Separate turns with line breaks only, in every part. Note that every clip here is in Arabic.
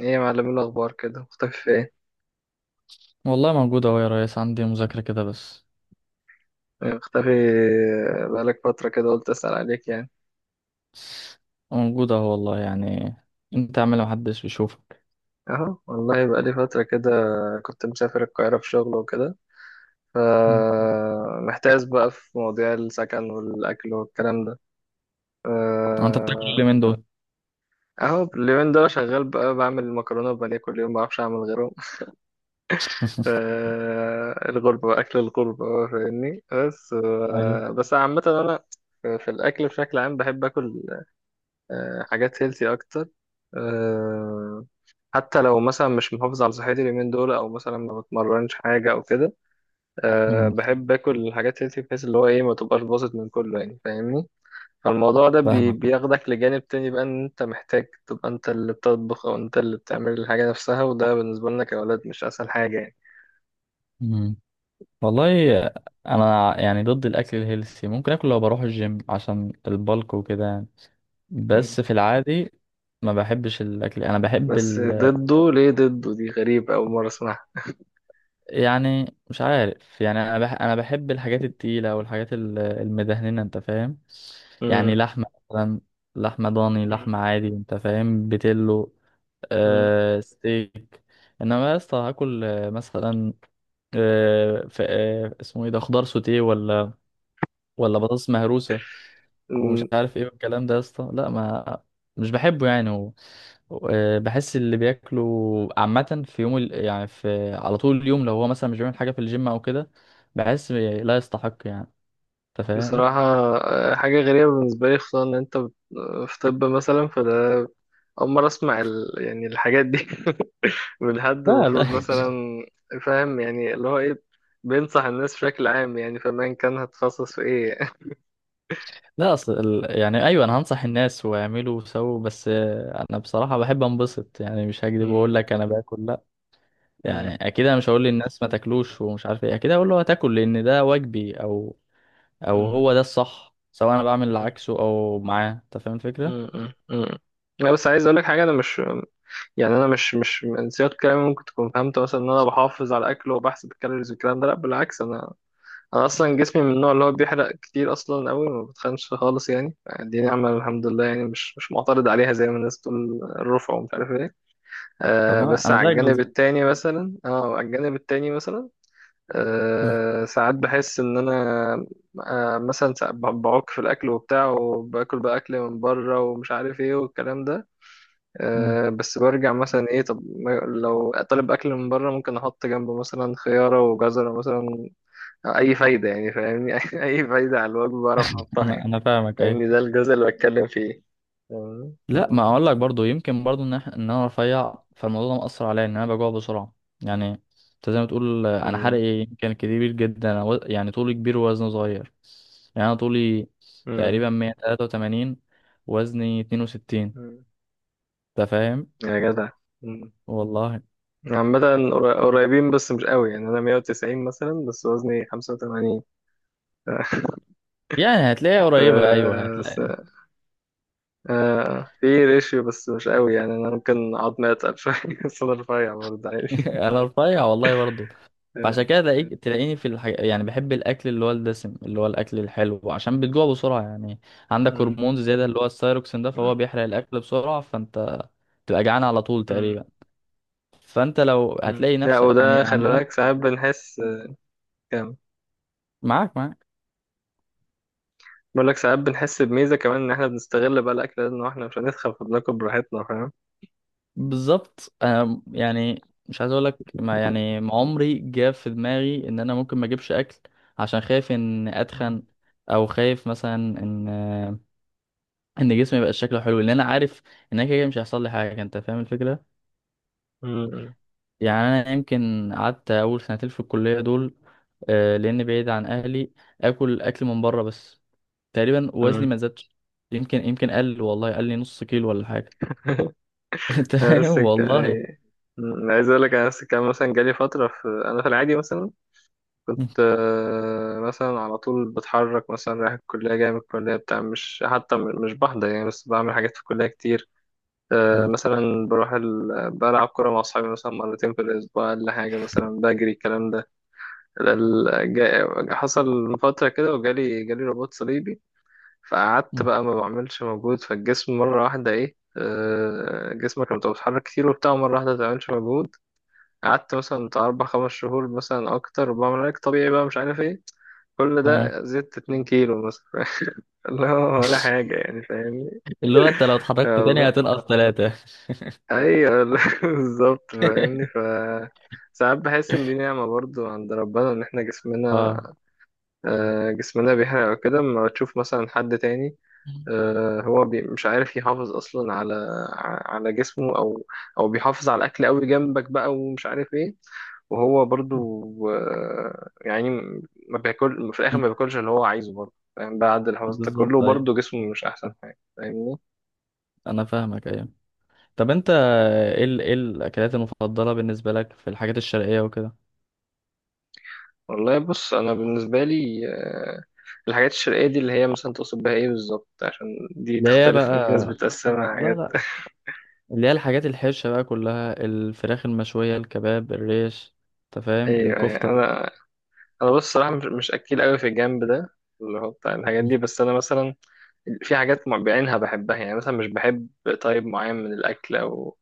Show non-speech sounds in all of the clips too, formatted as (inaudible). ايه يا معلم، إيه الاخبار كده؟ مختفي في ايه؟
والله موجود اهو يا ريس، عندي مذاكرة كده بس.
مختفي بقالك فترة كده، قلت اسأل عليك يعني.
موجود اهو والله يعني. انت اعمل محدش بيشوفك.
اهو والله بقالي فترة كده، كنت مسافر القاهرة في شغل وكده،
مم.
فمحتاس بقى في مواضيع السكن والاكل والكلام ده.
اه، انت بتاكل اللي
آه،
من دول؟
اهو اليومين دول شغال بقى، بعمل مكرونة وبانيه كل يوم، بعرفش اعمل غيرهم. (laughs) ف-
(laughs)
الغربة بقى اكل الغربة بقى، فاهمني. بس
ايوه.
آه، بس عامة انا في الاكل بشكل عام بحب اكل حاجات هيلثي اكتر. آه، حتى لو مثلا مش محافظ على صحتي اليومين دول، او مثلا ما بتمرنش حاجه او كده.
مم.
بحب اكل الحاجات هيلثي، بحيث اللي هو ايه ما تبقاش باظت من كله يعني، فاهمني. فالموضوع ده
فاهمك.
بياخدك لجانب تاني بقى، ان انت محتاج تبقى انت اللي بتطبخ او انت اللي بتعمل الحاجه نفسها، وده بالنسبه لنا كاولاد مش اسهل حاجه يعني.
مم. والله، انا يعني ضد الاكل الهيلثي. ممكن اكل لو بروح الجيم عشان البلك وكده يعني.
مم.
بس في العادي ما بحبش الاكل. انا بحب
بس ضده ليه؟ ضده دي غريبة، أول مرة أسمعها.
يعني، مش عارف يعني. انا بحب الحاجات التقيله والحاجات المدهننه، انت فاهم؟ يعني
مم.
لحمه مثلا، لحمه ضاني، لحمه عادي، انت فاهم؟ بتلو،
مم.
آه، ستيك. انما يا اسطى هاكل مثلا اسمه ايه ده، خضار سوتيه، ولا بطاطس مهروسه ومش
مم.
عارف ايه والكلام ده، يا اسطى. لا ما مش بحبه يعني. بحس اللي بياكلوا عامة في يعني في على طول اليوم، لو هو مثلا مش بيعمل حاجة في الجيم او كده، بحس لا يستحق يعني. انت فاهم؟
بصراحة، حاجة غريبة بالنسبة لي، خصوصا إن أنت في طب مثلا، فده أول مرة أسمع يعني الحاجات دي (laughs) من حد
لا لا.
المفروض
(laughs)
مثلا. فاهم يعني اللي هو إيه، بينصح الناس بشكل عام يعني، فما كان هتخصص في إيه؟
لا، اصل يعني ايوه، انا هنصح الناس، واعملوا وسووا، بس آه، انا بصراحة بحب انبسط. يعني مش
(laughs)
هكدب
مم،
واقول لك انا باكل، لا.
مم،
يعني اكيد انا مش هقول للناس ما تاكلوش ومش عارف ايه. اكيد هقول له هتاكل، لان ده واجبي، او او
مم،
هو ده الصح، سواء انا بعمل اللي
مم،
عكسه او معاه. انت فاهم الفكره؟
مم، مم، مم. لا بس عايز أقولك حاجة، أنا مش يعني، أنا مش من سياق كلامي ممكن تكون فهمت مثلا إن أنا بحافظ على أكل وبحسب الكالوريز والكلام ده. لأ بالعكس، أنا انا اصلا جسمي من النوع اللي هو بيحرق كتير اصلا قوي، ما بتخنش خالص يعني، دي نعمه الحمد لله يعني، مش معترض عليها زي ما الناس بتقول الرفع ومش عارف ايه.
طب انا
بس
انا زيك بالظبط.
على الجانب التاني مثلا.
مم.
ساعات بحس ان انا مثلا ساعات بعك في الاكل وبتاع، وباكل بقى اكل من بره ومش عارف ايه والكلام ده.
مم.
بس برجع مثلا ايه. طب ما- لو طالب اكل من بره ممكن احط جنبه مثلا خياره وجزره مثلا. اي فايده يعني، فاهمني. (laughs) اي فايده على الوجه بعرف احطها
انا
يعني.
انا فاهمك، ايوه.
فاهمني، ده الجزء اللي بتكلم فيه. فاهمني؟
لا، ما اقول لك برضو، يمكن برضو ان ان انا رفيع، فالموضوع ده مأثر عليا، ان انا بجوع بسرعه يعني. انت زي ما تقول، آه، انا حرقي
مم.
إيه؟ يمكن كبير جدا. أنا يعني طولي كبير ووزني صغير. يعني انا طولي
مم.
تقريبا 183، وزني 62.
مم.
انت فاهم؟
يا جدع. مم.
والله.
عامة، قريبين بس مش قوي يعني، أنا 190 مثلا بس وزني 85، ف...
يعني هتلاقيها قريبه، ايوه
(laughs) س...
هتلاقي.
في ريشيو بس مش قوي يعني، أنا ممكن عظمي أتقل شوية (laughs) بس أنا رفيع برضه
(laughs)
عادي. (laughs)
انا رفيع والله برضو.
آه.
فعشان كده تلاقيك
مم.
تلاقيني في يعني بحب الاكل اللي هو الدسم، اللي هو الاكل الحلو، عشان بتجوع بسرعه يعني. عندك
مم.
هرمون زياده، اللي هو الثايروكسين ده، فهو بيحرق الاكل بسرعه، فانت تبقى جعان على طول
مم.
تقريبا. فانت لو
مم.
هتلاقي
لا
نفسك، يعني
وده
عن
خلي بالك، ساعات بنحس كام
معاك
بقول لك ساعات بنحس بميزة كمان إن إحنا بنستغل بقى الأكل ده، إن إحنا مش هنتخن فبناكل براحتنا، فاهم؟
بالظبط. انا يعني مش عايز اقول لك، ما يعني ما عمري جه في دماغي ان انا ممكن ما اجيبش اكل عشان خايف ان
مم.
اتخن، او خايف مثلا ان ان جسمي يبقى شكله حلو، لان انا عارف ان انا كده كده مش هيحصل لي حاجه. انت فاهم الفكره؟
مم.
يعني انا يمكن قعدت اول سنتين في الكليه دول، آه، لان بعيد عن اهلي، اكل من بره بس، تقريبا وزني
مم.
ما زادش. يمكن قل، والله قل لي نص كيلو ولا حاجه.
(laughs)
(laughs) انت
أنا
فاهم
نفس الك-
والله.
أي- مم. عايز أقول لك، أنا نفس الكلام مثلا، جالي فترة أنا في العادي مثلا
(laughs) م-
كنت، مثلا على طول بتحرك، مثلا رايح الكلية جاي من الكلية بتاع، مش حتى مش بحضر يعني بس بعمل حاجات في الكلية كتير.
م-
مثلا بروح بلعب كورة مع أصحابي مثلا مرتين في الأسبوع ولا حاجة، مثلا بجري الكلام ده. حصل من فترة كده وجالي رباط صليبي. فقعدت
م.
بقى ما بعملش مجهود، فالجسم مرة واحدة ايه. جسمك لما تبقى بتتحرك كتير وبتاع مرة واحدة ما تعملش مجهود، قعدت مثلا بتاع أربع خمس شهور مثلا أكتر، وبعمل علاج طبيعي بقى مش عارف ايه، كل
تمام.
ده زدت 2 كيلو مثلا. (laughs) لا ولا حاجة
(laughs)
يعني، فاهمني.
اللي هو انت لو اتحركت
آه
تاني
والله.
هتنقص ثلاثه.
أيوة والله. (laughs) بالظبط، فاهمني.
(laughs)
ف ساعات بحس إن دي نعمة برضو عند ربنا، إن إحنا جسمنا
اه،
جسمنا بيحرق وكده. أما تشوف مثلا حد تاني هو مش عارف يحافظ اصلا على على جسمه، او بيحافظ على الاكل قوي جنبك بقى ومش عارف ايه. وهو برضو يعني ما بياكل في الاخر، ما بياكلش اللي هو عايزه برضو، فاهم؟ بعد الحفاظ ده كله
بالظبط ايوه.
برضو جسمه مش احسن حاجه، فاهمني.
انا فاهمك، ايوه. طب انت ايه ايه الاكلات المفضله بالنسبه لك في الحاجات الشرقيه وكده؟
والله بص، انا بالنسبه لي الحاجات الشرقيه دي اللي هي مثلا تقصد بها ايه بالظبط؟ عشان دي
اللي هي
تختلف، في
بقى،
ناس بتقسمها
لا
حاجات.
لا،
(laughs)
اللي هي الحاجات الحرشه بقى كلها، الفراخ المشويه، الكباب، الريش، انت فاهم،
ايوه، أيوة.
الكفته.
انا بص صراحه، مش اكيل قوي في الجنب ده اللي هو بتاع الحاجات
مم.
دي، بس انا مثلا في حاجات بعينها بحبها يعني، مثلا مش بحب طيب معين من الأكل أو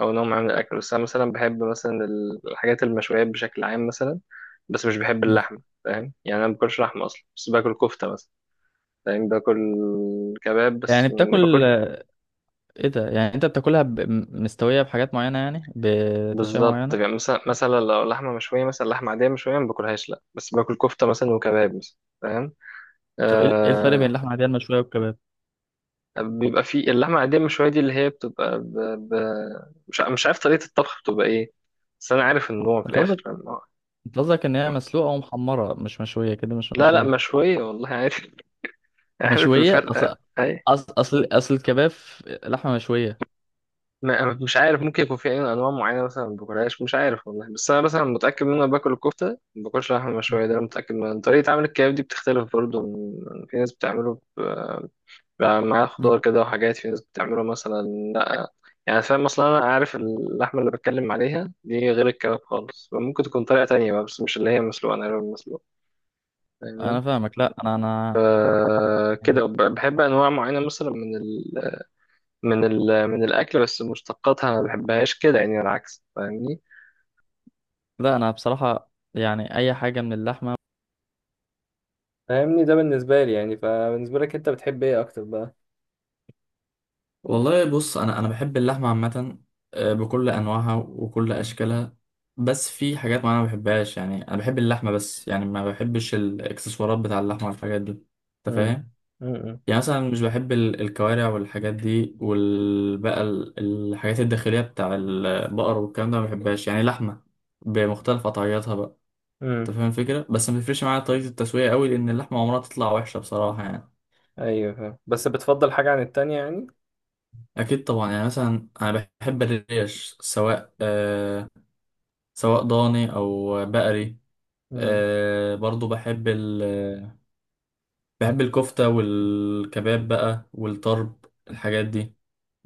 أو نوع معين من الأكل، بس أنا مثلا بحب مثلا الحاجات المشويات بشكل عام مثلا، بس مش بحب
مم.
اللحمة، فاهم يعني أنا ما باكلش لحمة أصلا، بس باكل كفتة مثلا. فاهم؟ باكل كباب
يعني
بس ما
بتاكل
باكل.
ايه ده، يعني انت بتاكلها مستويه بحاجات معينه، يعني بتسويه
بالظبط
معينه؟
يعني مثلا لو لحمة مشوية مثلا، لحمة عادية مشوية ما باكلهاش لأ، بس باكل كفتة مثلا وكباب مثلا، فاهم؟
طب ايه ايه الفرق بين
آه،
اللحمه العاديه المشويه والكباب؟
بيبقى فيه اللحمة العادية شوية دي اللي هي بتبقى مش عارف طريقة الطبخ بتبقى ايه، بس أنا عارف النوع في
انت
الآخر،
قصدك
فاهم؟
انت قصدك ان هي مسلوقه ومحمره، مش مشويه كده، مش
لا لا،
مشويه؟
مشوية والله، عارف. (laughs) عارف
مشويه؟
الفرق
اصل
أي.
أصل الكباب لحمه مشويه.
مش عارف، ممكن يكون في أي أنواع معينة مثلا ما باكلهاش، مش عارف والله، بس أنا مثلا متأكد إن أنا باكل الكفتة. ما باكلش لحمة مشوية، ده أنا متأكد. من طريقة عمل الكباب دي بتختلف برضه من... في ناس بتعمله بقى معاه خضار كده وحاجات، في ناس بتعمله مثلا لا. يعني فاهم اصلا انا عارف اللحمه اللي بتكلم عليها دي غير الكباب خالص، ممكن تكون طريقه تانية بقى بس مش اللي هي مسلوقه، انا اللي مسلوقه،
انا
فاهمني.
فاهمك. لا انا انا
كده بحب انواع معينه مثلا من الاكل، بس مشتقاتها ما بحبهاش كده يعني، العكس فاهمني.
لا انا بصراحة يعني اي حاجة من اللحمة.
فاهمني ده بالنسبة لي يعني، فبالنسبة لك انت بتحب ايه اكتر بقى؟
والله بص، انا بحب اللحمه عامه، آه، بكل انواعها وكل اشكالها، بس في حاجات معينه ما بحبهاش. يعني انا بحب اللحمه، بس يعني ما بحبش الاكسسوارات بتاع اللحمه والحاجات دي، انت
امم.
فاهم؟
امم.
يعني مثلا مش بحب الكوارع والحاجات دي، والبقى الحاجات الداخليه بتاع البقر والكلام ده ما بحبهاش. يعني لحمه بمختلف قطعياتها بقى، انت
امم.
فاهم الفكره. بس ما بيفرقش معايا طريقه التسويه قوي، لان اللحمه عمرها تطلع وحشه بصراحه يعني.
ايوه فاهم، بس بتفضل حاجة عن التانية يعني.
اكيد طبعا. يعني مثلا انا بحب الريش، سواء آه، سواء ضاني او بقري.
امم.
آه، برضو بحب ال بحب الكفته والكباب بقى والطرب، الحاجات دي،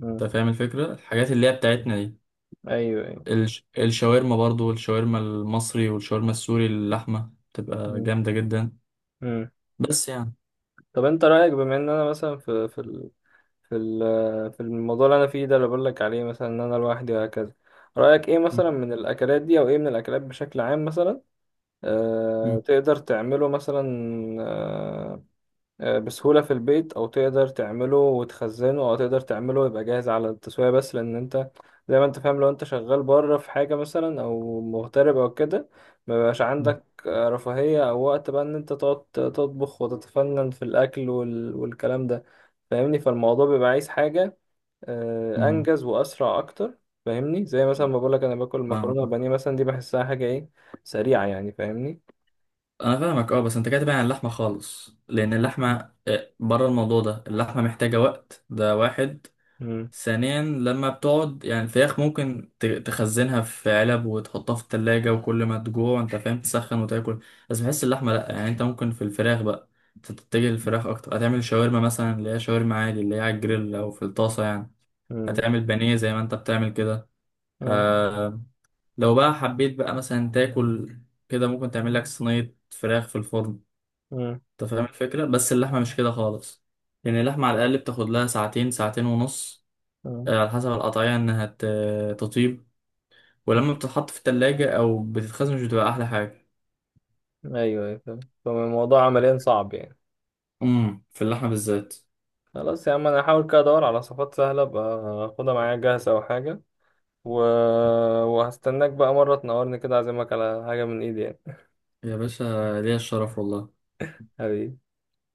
امم.
انت فاهم الفكره، الحاجات اللي هي بتاعتنا دي.
ايوه. ايوه.
الشاورما برضو، الشاورما المصري والشاورما السوري، اللحمه بتبقى جامده جدا
امم.
بس يعني.
طب انت رأيك، بما ان انا مثلا في الموضوع اللي انا فيه ده اللي بقول لك عليه، مثلا ان انا لوحدي وهكذا. رأيك ايه
م-
مثلا من الاكلات دي، او ايه من الاكلات بشكل عام مثلا؟
م-
تقدر تعمله مثلا آه، بسهولة في البيت، أو تقدر تعمله وتخزنه، أو تقدر تعمله يبقى جاهز على التسوية، بس لأن أنت زي ما أنت فاهم، لو أنت شغال بره في حاجة مثلا أو مغترب أو كده، مبيبقاش
م-
عندك رفاهية أو وقت بقى إن أنت تقعد تطبخ وتتفنن في الأكل والكلام ده. فاهمني، فالموضوع بيبقى عايز حاجة
م.
أنجز وأسرع أكتر. فاهمني؟ زي مثلا ما بقولك أنا باكل
فاهمك.
مكرونة وبانيه مثلا، دي بحسها حاجة إيه، سريعة يعني، فاهمني.
انا فاهمك، اه. بس انت كاتب عن اللحمه خالص، لان اللحمه، آه، بره الموضوع ده، اللحمه محتاجه وقت، ده واحد.
مم.
ثانيا، لما بتقعد يعني، الفراخ ممكن تخزنها في علب وتحطها في التلاجة، وكل ما تجوع انت فاهم، تسخن وتاكل. بس بحس اللحمه لا. يعني انت ممكن في الفراخ بقى تتجه للفراخ اكتر، هتعمل شاورما مثلا، اللي هي شاورما عادي، اللي هي على الجريل او في الطاسه يعني.
مم.
هتعمل بانيه زي ما انت بتعمل كده.
مم.
آه، لو بقى حبيت بقى مثلا تاكل كده، ممكن تعمل لك صينيه فراخ في الفرن.
مم.
انت فاهم الفكرة. بس اللحمة مش كده خالص، لأن اللحمة على الأقل بتاخد لها ساعتين، ساعتين ونص، آه، على حسب القطعية إنها تطيب.
مم.
ولما بتتحط في التلاجة أو بتتخزن مش بتبقى أحلى حاجة.
ايوه ايوه فاهم. فالموضوع عمليا صعب يعني.
أمم، في اللحمة بالذات.
خلاص يا عم، انا هحاول كده ادور على صفات سهله، ابقى اخدها معايا جاهزه او حاجه. و... وهستناك بقى مره تنورني كده، اعزمك على حاجه من ايدي يعني.
يا باشا، ليا الشرف والله.
حبيبي.